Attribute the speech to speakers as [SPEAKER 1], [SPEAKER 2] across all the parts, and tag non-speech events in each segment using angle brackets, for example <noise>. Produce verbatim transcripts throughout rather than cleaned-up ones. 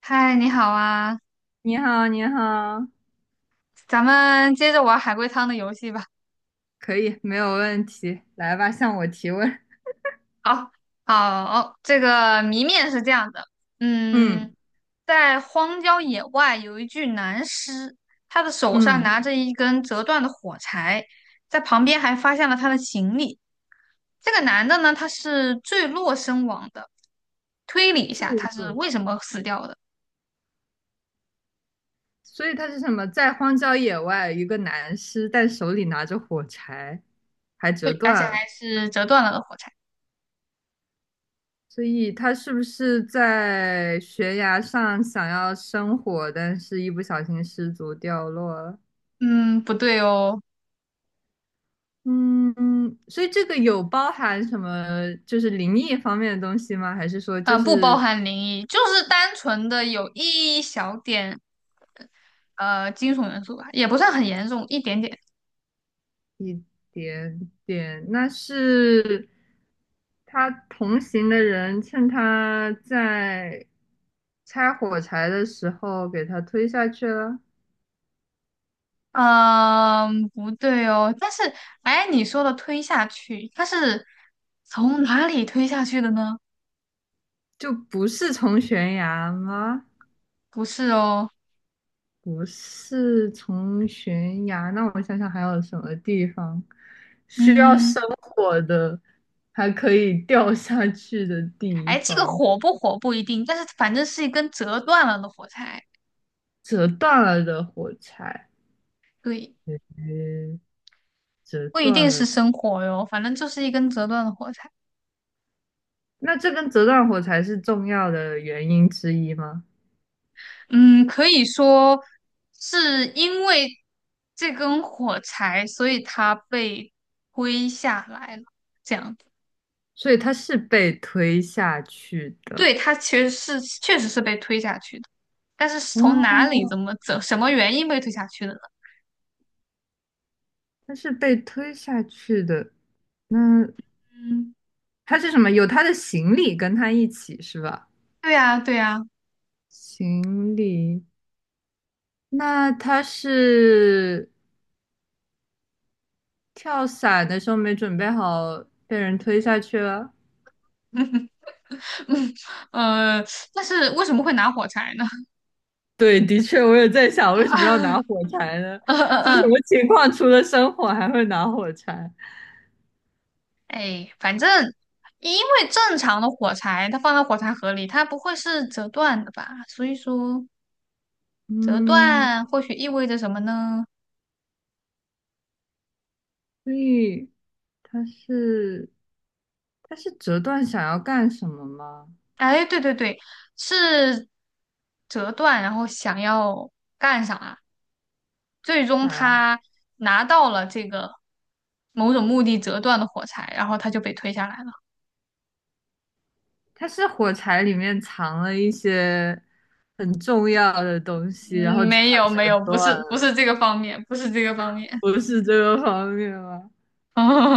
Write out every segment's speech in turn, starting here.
[SPEAKER 1] 嗨，你好啊，
[SPEAKER 2] 你好，你好，
[SPEAKER 1] 咱们接着玩海龟汤的游戏吧。
[SPEAKER 2] 可以，没有问题，来吧，向我提问。
[SPEAKER 1] 好，好，这个谜面是这样的，嗯，
[SPEAKER 2] 嗯
[SPEAKER 1] 在荒郊野外有一具男尸，他的手上
[SPEAKER 2] 嗯，
[SPEAKER 1] 拿着一根折断的火柴，在旁边还发现了他的行李。这个男的呢，他是坠落身亡的，推理一
[SPEAKER 2] 这
[SPEAKER 1] 下
[SPEAKER 2] 个
[SPEAKER 1] 他是
[SPEAKER 2] 主
[SPEAKER 1] 为什么死掉的，
[SPEAKER 2] 所以他是什么？在荒郊野外，一个男尸，但手里拿着火柴，还折
[SPEAKER 1] 对，而且
[SPEAKER 2] 断了。
[SPEAKER 1] 还是折断了的火柴。
[SPEAKER 2] 所以他是不是在悬崖上想要生火，但是一不小心失足掉落了？
[SPEAKER 1] 嗯，不对哦，
[SPEAKER 2] 嗯，嗯所以这个有包含什么就是灵异方面的东西吗？还是说就
[SPEAKER 1] 嗯，不包
[SPEAKER 2] 是
[SPEAKER 1] 含灵异，就是单纯的有一小点。呃，金属元素吧，也不算很严重，一点点。
[SPEAKER 2] 一点点，那是他同行的人趁他在拆火柴的时候给他推下去了，
[SPEAKER 1] 嗯，不对哦。但是，哎，你说的推下去，它是从哪里推下去的呢？
[SPEAKER 2] 就不是从悬崖吗？
[SPEAKER 1] 不是哦。
[SPEAKER 2] 不是从悬崖，那我想想还有什么地方需要生
[SPEAKER 1] 嗯，
[SPEAKER 2] 火的，还可以掉下去的地
[SPEAKER 1] 哎，这个
[SPEAKER 2] 方，
[SPEAKER 1] 火不火不一定，但是反正是一根折断了的火柴。
[SPEAKER 2] 折断了的火柴，
[SPEAKER 1] 对，
[SPEAKER 2] 诶，折
[SPEAKER 1] 不一
[SPEAKER 2] 断
[SPEAKER 1] 定是
[SPEAKER 2] 了。
[SPEAKER 1] 生火哟，反正就是一根折断的火柴。
[SPEAKER 2] 那这根折断火柴是重要的原因之一吗？
[SPEAKER 1] 嗯，可以说是因为这根火柴，所以它被推下来了，这样。
[SPEAKER 2] 所以它是被推下去的，
[SPEAKER 1] 对，他其实是确实是被推下去的，但是是从哪里、
[SPEAKER 2] 哦，
[SPEAKER 1] 怎么、怎什么原因被推下去的呢？
[SPEAKER 2] 它是被推下去的。那
[SPEAKER 1] 嗯，
[SPEAKER 2] 它是什么？有他的行李跟他一起是吧？
[SPEAKER 1] 对呀，对呀，
[SPEAKER 2] 行李，那他是跳伞的时候没准备好，被人推下去了。
[SPEAKER 1] 嗯呃，但是为什么会拿火柴呢？
[SPEAKER 2] <laughs> 对，的确，我也在
[SPEAKER 1] <laughs>
[SPEAKER 2] 想，为什么要拿
[SPEAKER 1] 嗯
[SPEAKER 2] 火柴呢？
[SPEAKER 1] 嗯
[SPEAKER 2] 就什
[SPEAKER 1] 嗯，
[SPEAKER 2] 么情况，除了生火还会拿火柴？
[SPEAKER 1] 哎，反正因为正常的火柴，它放到火柴盒里，它不会是折断的吧？所以说折
[SPEAKER 2] 嗯，
[SPEAKER 1] 断或许意味着什么呢？
[SPEAKER 2] 所以他是他是折断想要干什么吗？
[SPEAKER 1] 哎，对对对，是折断，然后想要干啥？最终
[SPEAKER 2] 想要
[SPEAKER 1] 他拿到了这个某种目的折断的火柴，然后他就被推下来了。
[SPEAKER 2] 他是火柴里面藏了一些很重要的东西，然
[SPEAKER 1] 嗯，
[SPEAKER 2] 后
[SPEAKER 1] 没
[SPEAKER 2] 他
[SPEAKER 1] 有
[SPEAKER 2] 折
[SPEAKER 1] 没有，不
[SPEAKER 2] 断
[SPEAKER 1] 是不
[SPEAKER 2] 了，
[SPEAKER 1] 是这个方面，不是这个方面。
[SPEAKER 2] 不是这个方面吗？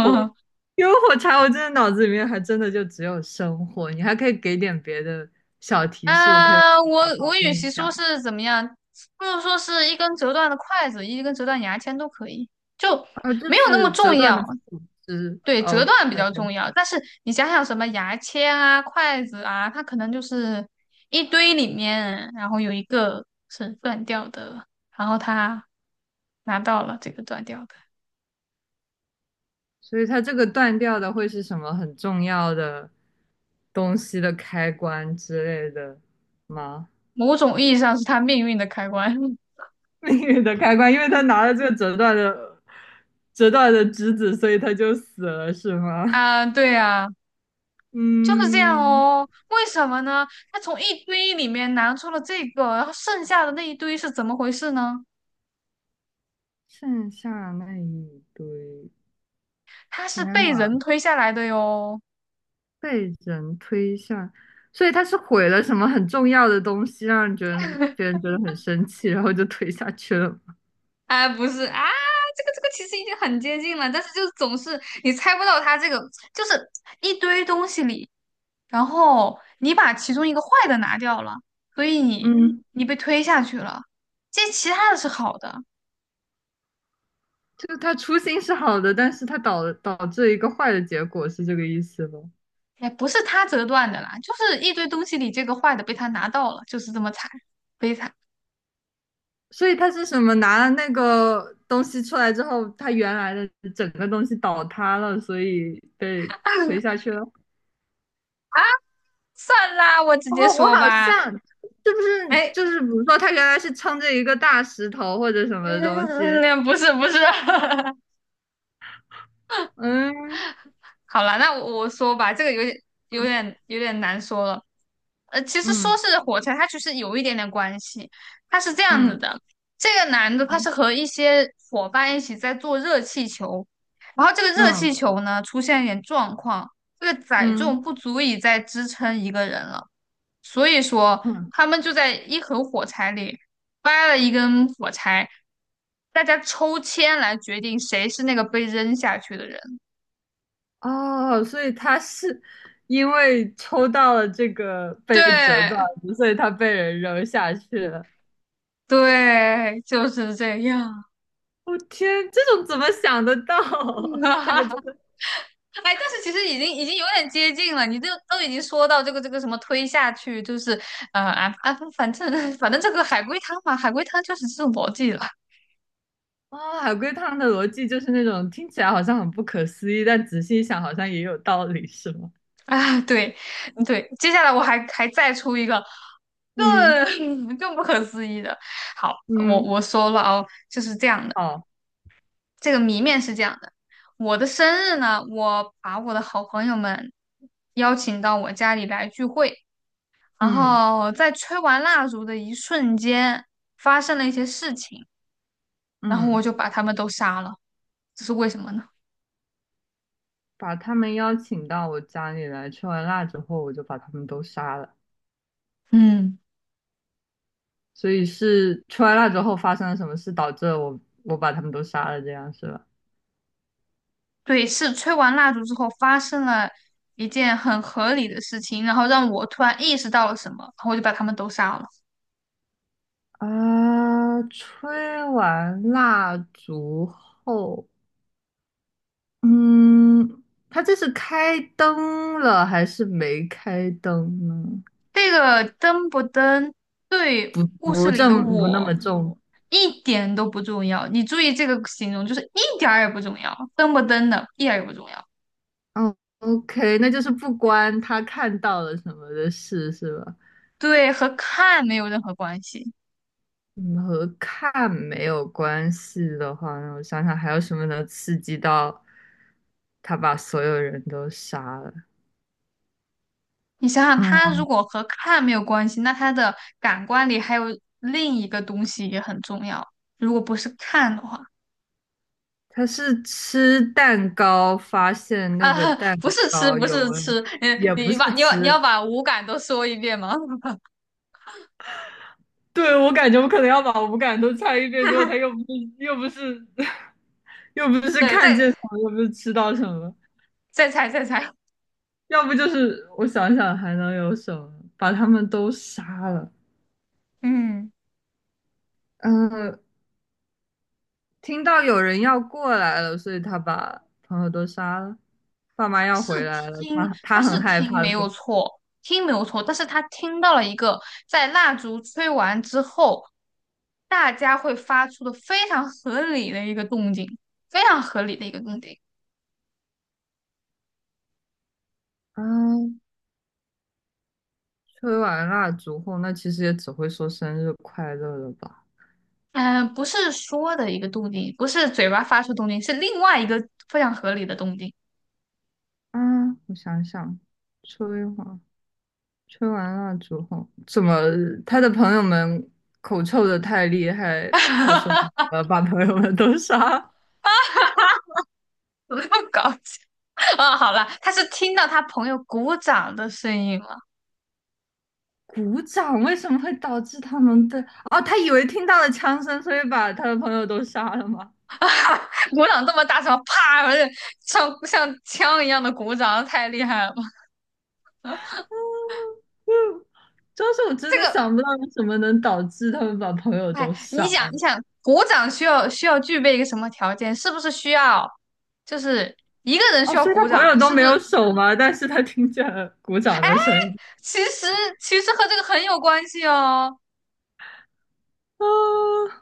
[SPEAKER 2] 火，因为火柴，我真的脑子里面还真的就只有生火，你还可以给点别的小提示，我可以往
[SPEAKER 1] 啊，我
[SPEAKER 2] 哪
[SPEAKER 1] 我
[SPEAKER 2] 方
[SPEAKER 1] 与
[SPEAKER 2] 面
[SPEAKER 1] 其
[SPEAKER 2] 想？
[SPEAKER 1] 说是怎么样，不如说是一根折断的筷子，一根折断牙签都可以，就
[SPEAKER 2] 啊？就
[SPEAKER 1] 没有那么
[SPEAKER 2] 是折
[SPEAKER 1] 重
[SPEAKER 2] 断
[SPEAKER 1] 要。
[SPEAKER 2] 的树枝
[SPEAKER 1] 对，折
[SPEAKER 2] ，OK，
[SPEAKER 1] 断比较重要。但是你想想，什么牙签啊、筷子啊，它可能就是一堆里面，然后有一个是断掉的，然后他拿到了这个断掉的，
[SPEAKER 2] 所以它这个断掉的会是什么很重要的东西的开关之类的吗？
[SPEAKER 1] 某种意义上是他命运的开关。
[SPEAKER 2] 命运的开关，因为他拿
[SPEAKER 1] <laughs>
[SPEAKER 2] 了这个折断的折断的枝子，所以他就死了，是吗？
[SPEAKER 1] 啊，对啊，就是这样
[SPEAKER 2] 嗯，
[SPEAKER 1] 哦。为什么呢？他从一堆里面拿出了这个，然后剩下的那一堆是怎么回事呢？
[SPEAKER 2] 剩下那一堆，
[SPEAKER 1] 它是
[SPEAKER 2] 天
[SPEAKER 1] 被人
[SPEAKER 2] 呐，
[SPEAKER 1] 推下来的哟。
[SPEAKER 2] 被人推下，所以他是毁了什么很重要的东西，让人觉得别人觉得很生气，然后就推下去了。
[SPEAKER 1] 哎，不是啊，这个这个其实已经很接近了，但是就是总是你猜不到它这个，就是一堆东西里，然后你把其中一个坏的拿掉了，所以你
[SPEAKER 2] 嗯，
[SPEAKER 1] 你被推下去了，这其他的是好的，
[SPEAKER 2] 就他初心是好的，但是他导导致一个坏的结果，是这个意思吗？
[SPEAKER 1] 也不是他折断的啦，就是一堆东西里这个坏的被他拿到了，就是这么惨，悲惨。
[SPEAKER 2] 所以他是什么？拿了那个东西出来之后，他原来的整个东西倒塌了，所以被推下去了。
[SPEAKER 1] 算啦，我直
[SPEAKER 2] 哦，
[SPEAKER 1] 接
[SPEAKER 2] 我
[SPEAKER 1] 说
[SPEAKER 2] 好
[SPEAKER 1] 吧，
[SPEAKER 2] 像是不是
[SPEAKER 1] 哎，
[SPEAKER 2] 就是比如说他原来是撑着一个大石头或者什
[SPEAKER 1] 嗯，
[SPEAKER 2] 么
[SPEAKER 1] 嗯
[SPEAKER 2] 东
[SPEAKER 1] 嗯
[SPEAKER 2] 西？
[SPEAKER 1] 嗯不是不是。<laughs>
[SPEAKER 2] 嗯。
[SPEAKER 1] 好了，那我我说吧，这个有点有点有点难说了。呃，其实说
[SPEAKER 2] 嗯
[SPEAKER 1] 是火柴，它其实有一点点关系。它是这样子
[SPEAKER 2] 嗯
[SPEAKER 1] 的，这个男的他
[SPEAKER 2] 嗯
[SPEAKER 1] 是和一些伙伴一起在做热气球，然后这个热
[SPEAKER 2] 嗯
[SPEAKER 1] 气球呢出现一点状况，这个载
[SPEAKER 2] 嗯
[SPEAKER 1] 重
[SPEAKER 2] 嗯。嗯
[SPEAKER 1] 不足以再支撑一个人了，所以说
[SPEAKER 2] 嗯
[SPEAKER 1] 他们就在一盒火柴里掰了一根火柴，大家抽签来决定谁是那个被扔下去的人。
[SPEAKER 2] 哦，所以他是因为抽到了这个被折断
[SPEAKER 1] 对。
[SPEAKER 2] 的，所以他被人扔下去了。
[SPEAKER 1] 对，就是这样。
[SPEAKER 2] 我、天，这种怎么想得到？<laughs> 这个真
[SPEAKER 1] <laughs>
[SPEAKER 2] 的
[SPEAKER 1] 哎，但是其实已经已经有点接近了，你都都已经说到这个这个什么推下去，就是呃啊啊，反正反正这个海龟汤嘛，海龟汤就是这种逻辑了
[SPEAKER 2] 啊、海龟汤的逻辑就是那种听起来好像很不可思议，但仔细一想好像也有道理，是吗？
[SPEAKER 1] 啊。对对，接下来我还还再出一个
[SPEAKER 2] 嗯，
[SPEAKER 1] 更 <laughs> 更不可思议的。好，我
[SPEAKER 2] 嗯，
[SPEAKER 1] 我说了哦，就是这样的，
[SPEAKER 2] 好，
[SPEAKER 1] 这个谜面是这样的。我的生日呢，我把我的好朋友们邀请到我家里来聚会。然
[SPEAKER 2] 嗯
[SPEAKER 1] 后在吹完蜡烛的一瞬间，发生了一些事情，然后我
[SPEAKER 2] 嗯，
[SPEAKER 1] 就把他们都杀了。这是为什么呢？
[SPEAKER 2] 把他们邀请到我家里来，吃完辣之后我就把他们都杀了。
[SPEAKER 1] 嗯，
[SPEAKER 2] 所以是吃完辣之后发生了什么事，导致我我把他们都杀了，这样是吧？
[SPEAKER 1] 对，是吹完蜡烛之后发生了一件很合理的事情，然后让我突然意识到了什么，然后我就把他们都杀了。
[SPEAKER 2] 啊，吹完蜡烛后，嗯，他这是开灯了还是没开灯呢？
[SPEAKER 1] 这个登不登对故事
[SPEAKER 2] 不
[SPEAKER 1] 里的
[SPEAKER 2] 正不那
[SPEAKER 1] 我
[SPEAKER 2] 么重。
[SPEAKER 1] 一点都不重要。你注意这个形容，就是一点儿也不重要，登不登的一点儿也不重要，
[SPEAKER 2] 哦，OK，那就是不关他看到了什么的事是吧？
[SPEAKER 1] 对，和看没有任何关系。
[SPEAKER 2] 嗯，和看没有关系的话，那我想想还有什么能刺激到他把所有人都杀了？
[SPEAKER 1] 你想想，它
[SPEAKER 2] 嗯。
[SPEAKER 1] 如果和看没有关系，那它的感官里还有另一个东西也很重要。如果不是看的话，
[SPEAKER 2] 他是吃蛋糕发现那
[SPEAKER 1] 啊，
[SPEAKER 2] 个
[SPEAKER 1] <laughs>
[SPEAKER 2] 蛋
[SPEAKER 1] 不是吃，
[SPEAKER 2] 糕
[SPEAKER 1] 不
[SPEAKER 2] 有
[SPEAKER 1] 是
[SPEAKER 2] 问，
[SPEAKER 1] 吃，嗯，
[SPEAKER 2] 也不
[SPEAKER 1] 你
[SPEAKER 2] 是
[SPEAKER 1] 把你要你要
[SPEAKER 2] 吃。
[SPEAKER 1] 把五感都说一遍吗？
[SPEAKER 2] 对，我感觉我可能要把无感都猜一遍之后，他又
[SPEAKER 1] <laughs>
[SPEAKER 2] 不是又不是 <laughs> 又不是
[SPEAKER 1] 对，
[SPEAKER 2] 看
[SPEAKER 1] 再
[SPEAKER 2] 见什么，又不是吃到什么，
[SPEAKER 1] 再猜再猜，
[SPEAKER 2] 要不就是我想想还能有什么，把他们都杀了。
[SPEAKER 1] 嗯，
[SPEAKER 2] 呃，听到有人要过来了，所以他把朋友都杀了。爸妈
[SPEAKER 1] 他
[SPEAKER 2] 要
[SPEAKER 1] 是
[SPEAKER 2] 回来了，
[SPEAKER 1] 听，
[SPEAKER 2] 他
[SPEAKER 1] 他
[SPEAKER 2] 他很
[SPEAKER 1] 是
[SPEAKER 2] 害
[SPEAKER 1] 听
[SPEAKER 2] 怕
[SPEAKER 1] 没
[SPEAKER 2] 的。
[SPEAKER 1] 有错，听没有错，但是他听到了一个在蜡烛吹完之后，大家会发出的非常合理的一个动静，非常合理的一个动静。
[SPEAKER 2] 啊，吹完蜡烛后，那其实也只会说生日快乐了吧？
[SPEAKER 1] 嗯、不是说的一个动静，不是嘴巴发出动静，是另外一个非常合理的动静。
[SPEAKER 2] 啊，我想想，吹完吹完蜡烛后，怎么他的朋友们口臭的太厉害？他说
[SPEAKER 1] <laughs>
[SPEAKER 2] 呃，把朋友们都杀。
[SPEAKER 1] 怎么那么搞笑啊、好了，他是听到他朋友鼓掌的声音了，
[SPEAKER 2] 鼓掌为什么会导致他们的？哦，他以为听到了枪声，所以把他的朋友都杀了吗？
[SPEAKER 1] <laughs> 鼓掌这么大声，啪，不是，像像枪一样的鼓掌，太厉害了吧。
[SPEAKER 2] 嗯，主要是我真
[SPEAKER 1] 这
[SPEAKER 2] 的
[SPEAKER 1] 个，
[SPEAKER 2] 想不到有什么能导致他们把朋友都
[SPEAKER 1] 哎，你
[SPEAKER 2] 杀。
[SPEAKER 1] 想，你想，鼓掌需要需要具备一个什么条件？是不是需要，就是一个人
[SPEAKER 2] 哦，
[SPEAKER 1] 需要
[SPEAKER 2] 所以他
[SPEAKER 1] 鼓
[SPEAKER 2] 朋友
[SPEAKER 1] 掌？
[SPEAKER 2] 都
[SPEAKER 1] 是不
[SPEAKER 2] 没
[SPEAKER 1] 是？
[SPEAKER 2] 有手吗？<laughs> 但是他听见了鼓掌的声音，
[SPEAKER 1] 其实其实和这个很有关系哦。
[SPEAKER 2] 啊，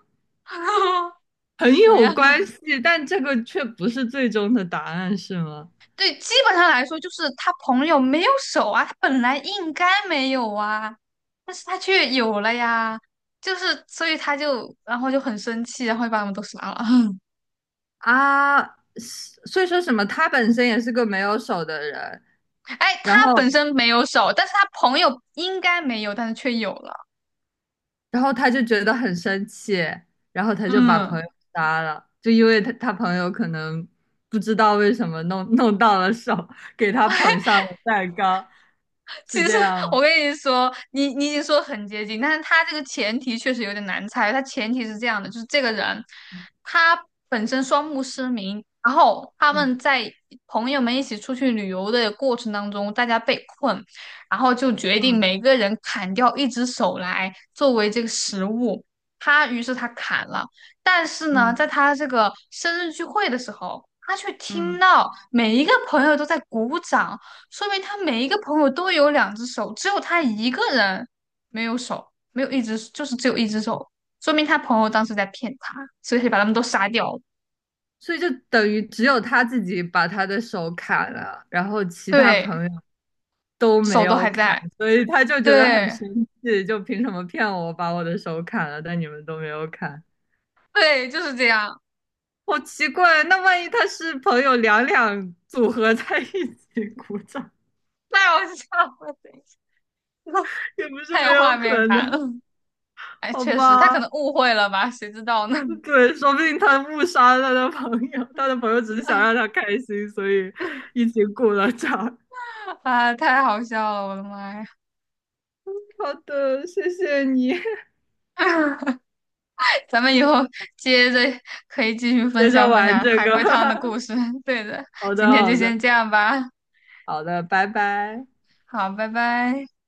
[SPEAKER 1] <laughs>
[SPEAKER 2] 很
[SPEAKER 1] 怎么
[SPEAKER 2] 有
[SPEAKER 1] 样？
[SPEAKER 2] 关系，但这个却不是最终的答案，是吗？
[SPEAKER 1] 对，基本上来说，就是他朋友没有手啊，他本来应该没有啊，但是他却有了呀，就是所以他就然后就很生气，然后就把他们都杀了。<laughs>
[SPEAKER 2] 啊，是所以说什么？他本身也是个没有手的人，
[SPEAKER 1] 哎，他
[SPEAKER 2] 然后，
[SPEAKER 1] 本身没有手，但是他朋友应该没有，但是却有了。
[SPEAKER 2] 然后他就觉得很生气，然后他就把朋
[SPEAKER 1] 嗯。
[SPEAKER 2] 友杀了，就因为他他朋友可能不知道为什么弄弄到了手，给他捧上了蛋糕，
[SPEAKER 1] <laughs> 其
[SPEAKER 2] 是
[SPEAKER 1] 实
[SPEAKER 2] 这样吗？
[SPEAKER 1] 我跟你说，你你已经说很接近，但是他这个前提确实有点难猜。他前提是这样的，就是这个人他本身双目失明，然后他
[SPEAKER 2] 嗯。
[SPEAKER 1] 们在朋友们一起出去旅游的过程当中，大家被困，然后就决定
[SPEAKER 2] 嗯
[SPEAKER 1] 每个人砍掉一只手来作为这个食物。他于是他砍了，但是呢，在
[SPEAKER 2] 嗯
[SPEAKER 1] 他这个生日聚会的时候，他却
[SPEAKER 2] 嗯。
[SPEAKER 1] 听
[SPEAKER 2] 嗯
[SPEAKER 1] 到每一个朋友都在鼓掌。说明他每一个朋友都有两只手，只有他一个人没有手，没有一只，就是只有一只手，说明他朋友当时在骗他，所以他把他们都杀掉了。
[SPEAKER 2] 所以就等于只有他自己把他的手砍了，然后其他
[SPEAKER 1] 对，
[SPEAKER 2] 朋友都没
[SPEAKER 1] 手都
[SPEAKER 2] 有
[SPEAKER 1] 还
[SPEAKER 2] 砍，
[SPEAKER 1] 在，
[SPEAKER 2] 所以他就觉得很
[SPEAKER 1] 对，
[SPEAKER 2] 生气，就凭什么骗我把我的手砍了，但你们都没有砍，
[SPEAKER 1] 对，就是这样，
[SPEAKER 2] 好奇怪。那万一他是朋友两两组合在一起鼓掌，
[SPEAKER 1] 太好笑了，等一下 <laughs>
[SPEAKER 2] 也不是
[SPEAKER 1] 太
[SPEAKER 2] 没
[SPEAKER 1] 有
[SPEAKER 2] 有
[SPEAKER 1] 画面
[SPEAKER 2] 可
[SPEAKER 1] 感了。
[SPEAKER 2] 能，
[SPEAKER 1] 哎，
[SPEAKER 2] 好
[SPEAKER 1] 确实，他可
[SPEAKER 2] 吧？
[SPEAKER 1] 能误会了吧，谁知道呢？
[SPEAKER 2] 对，说不定他误杀了他的朋友，他的朋友只是想让他开心，所以
[SPEAKER 1] <laughs>
[SPEAKER 2] 一起鼓了掌。
[SPEAKER 1] 啊，太好笑了，我的妈呀！
[SPEAKER 2] 好的，谢谢你。
[SPEAKER 1] <laughs> 咱们以后接着可以继续分
[SPEAKER 2] 接着
[SPEAKER 1] 享分
[SPEAKER 2] 玩
[SPEAKER 1] 享
[SPEAKER 2] 这
[SPEAKER 1] 海
[SPEAKER 2] 个。
[SPEAKER 1] 龟汤的故事。<laughs> 对的，
[SPEAKER 2] <laughs> 好的，
[SPEAKER 1] 今天就
[SPEAKER 2] 好的，
[SPEAKER 1] 先这样吧。
[SPEAKER 2] 好的，拜拜。
[SPEAKER 1] 好，拜拜。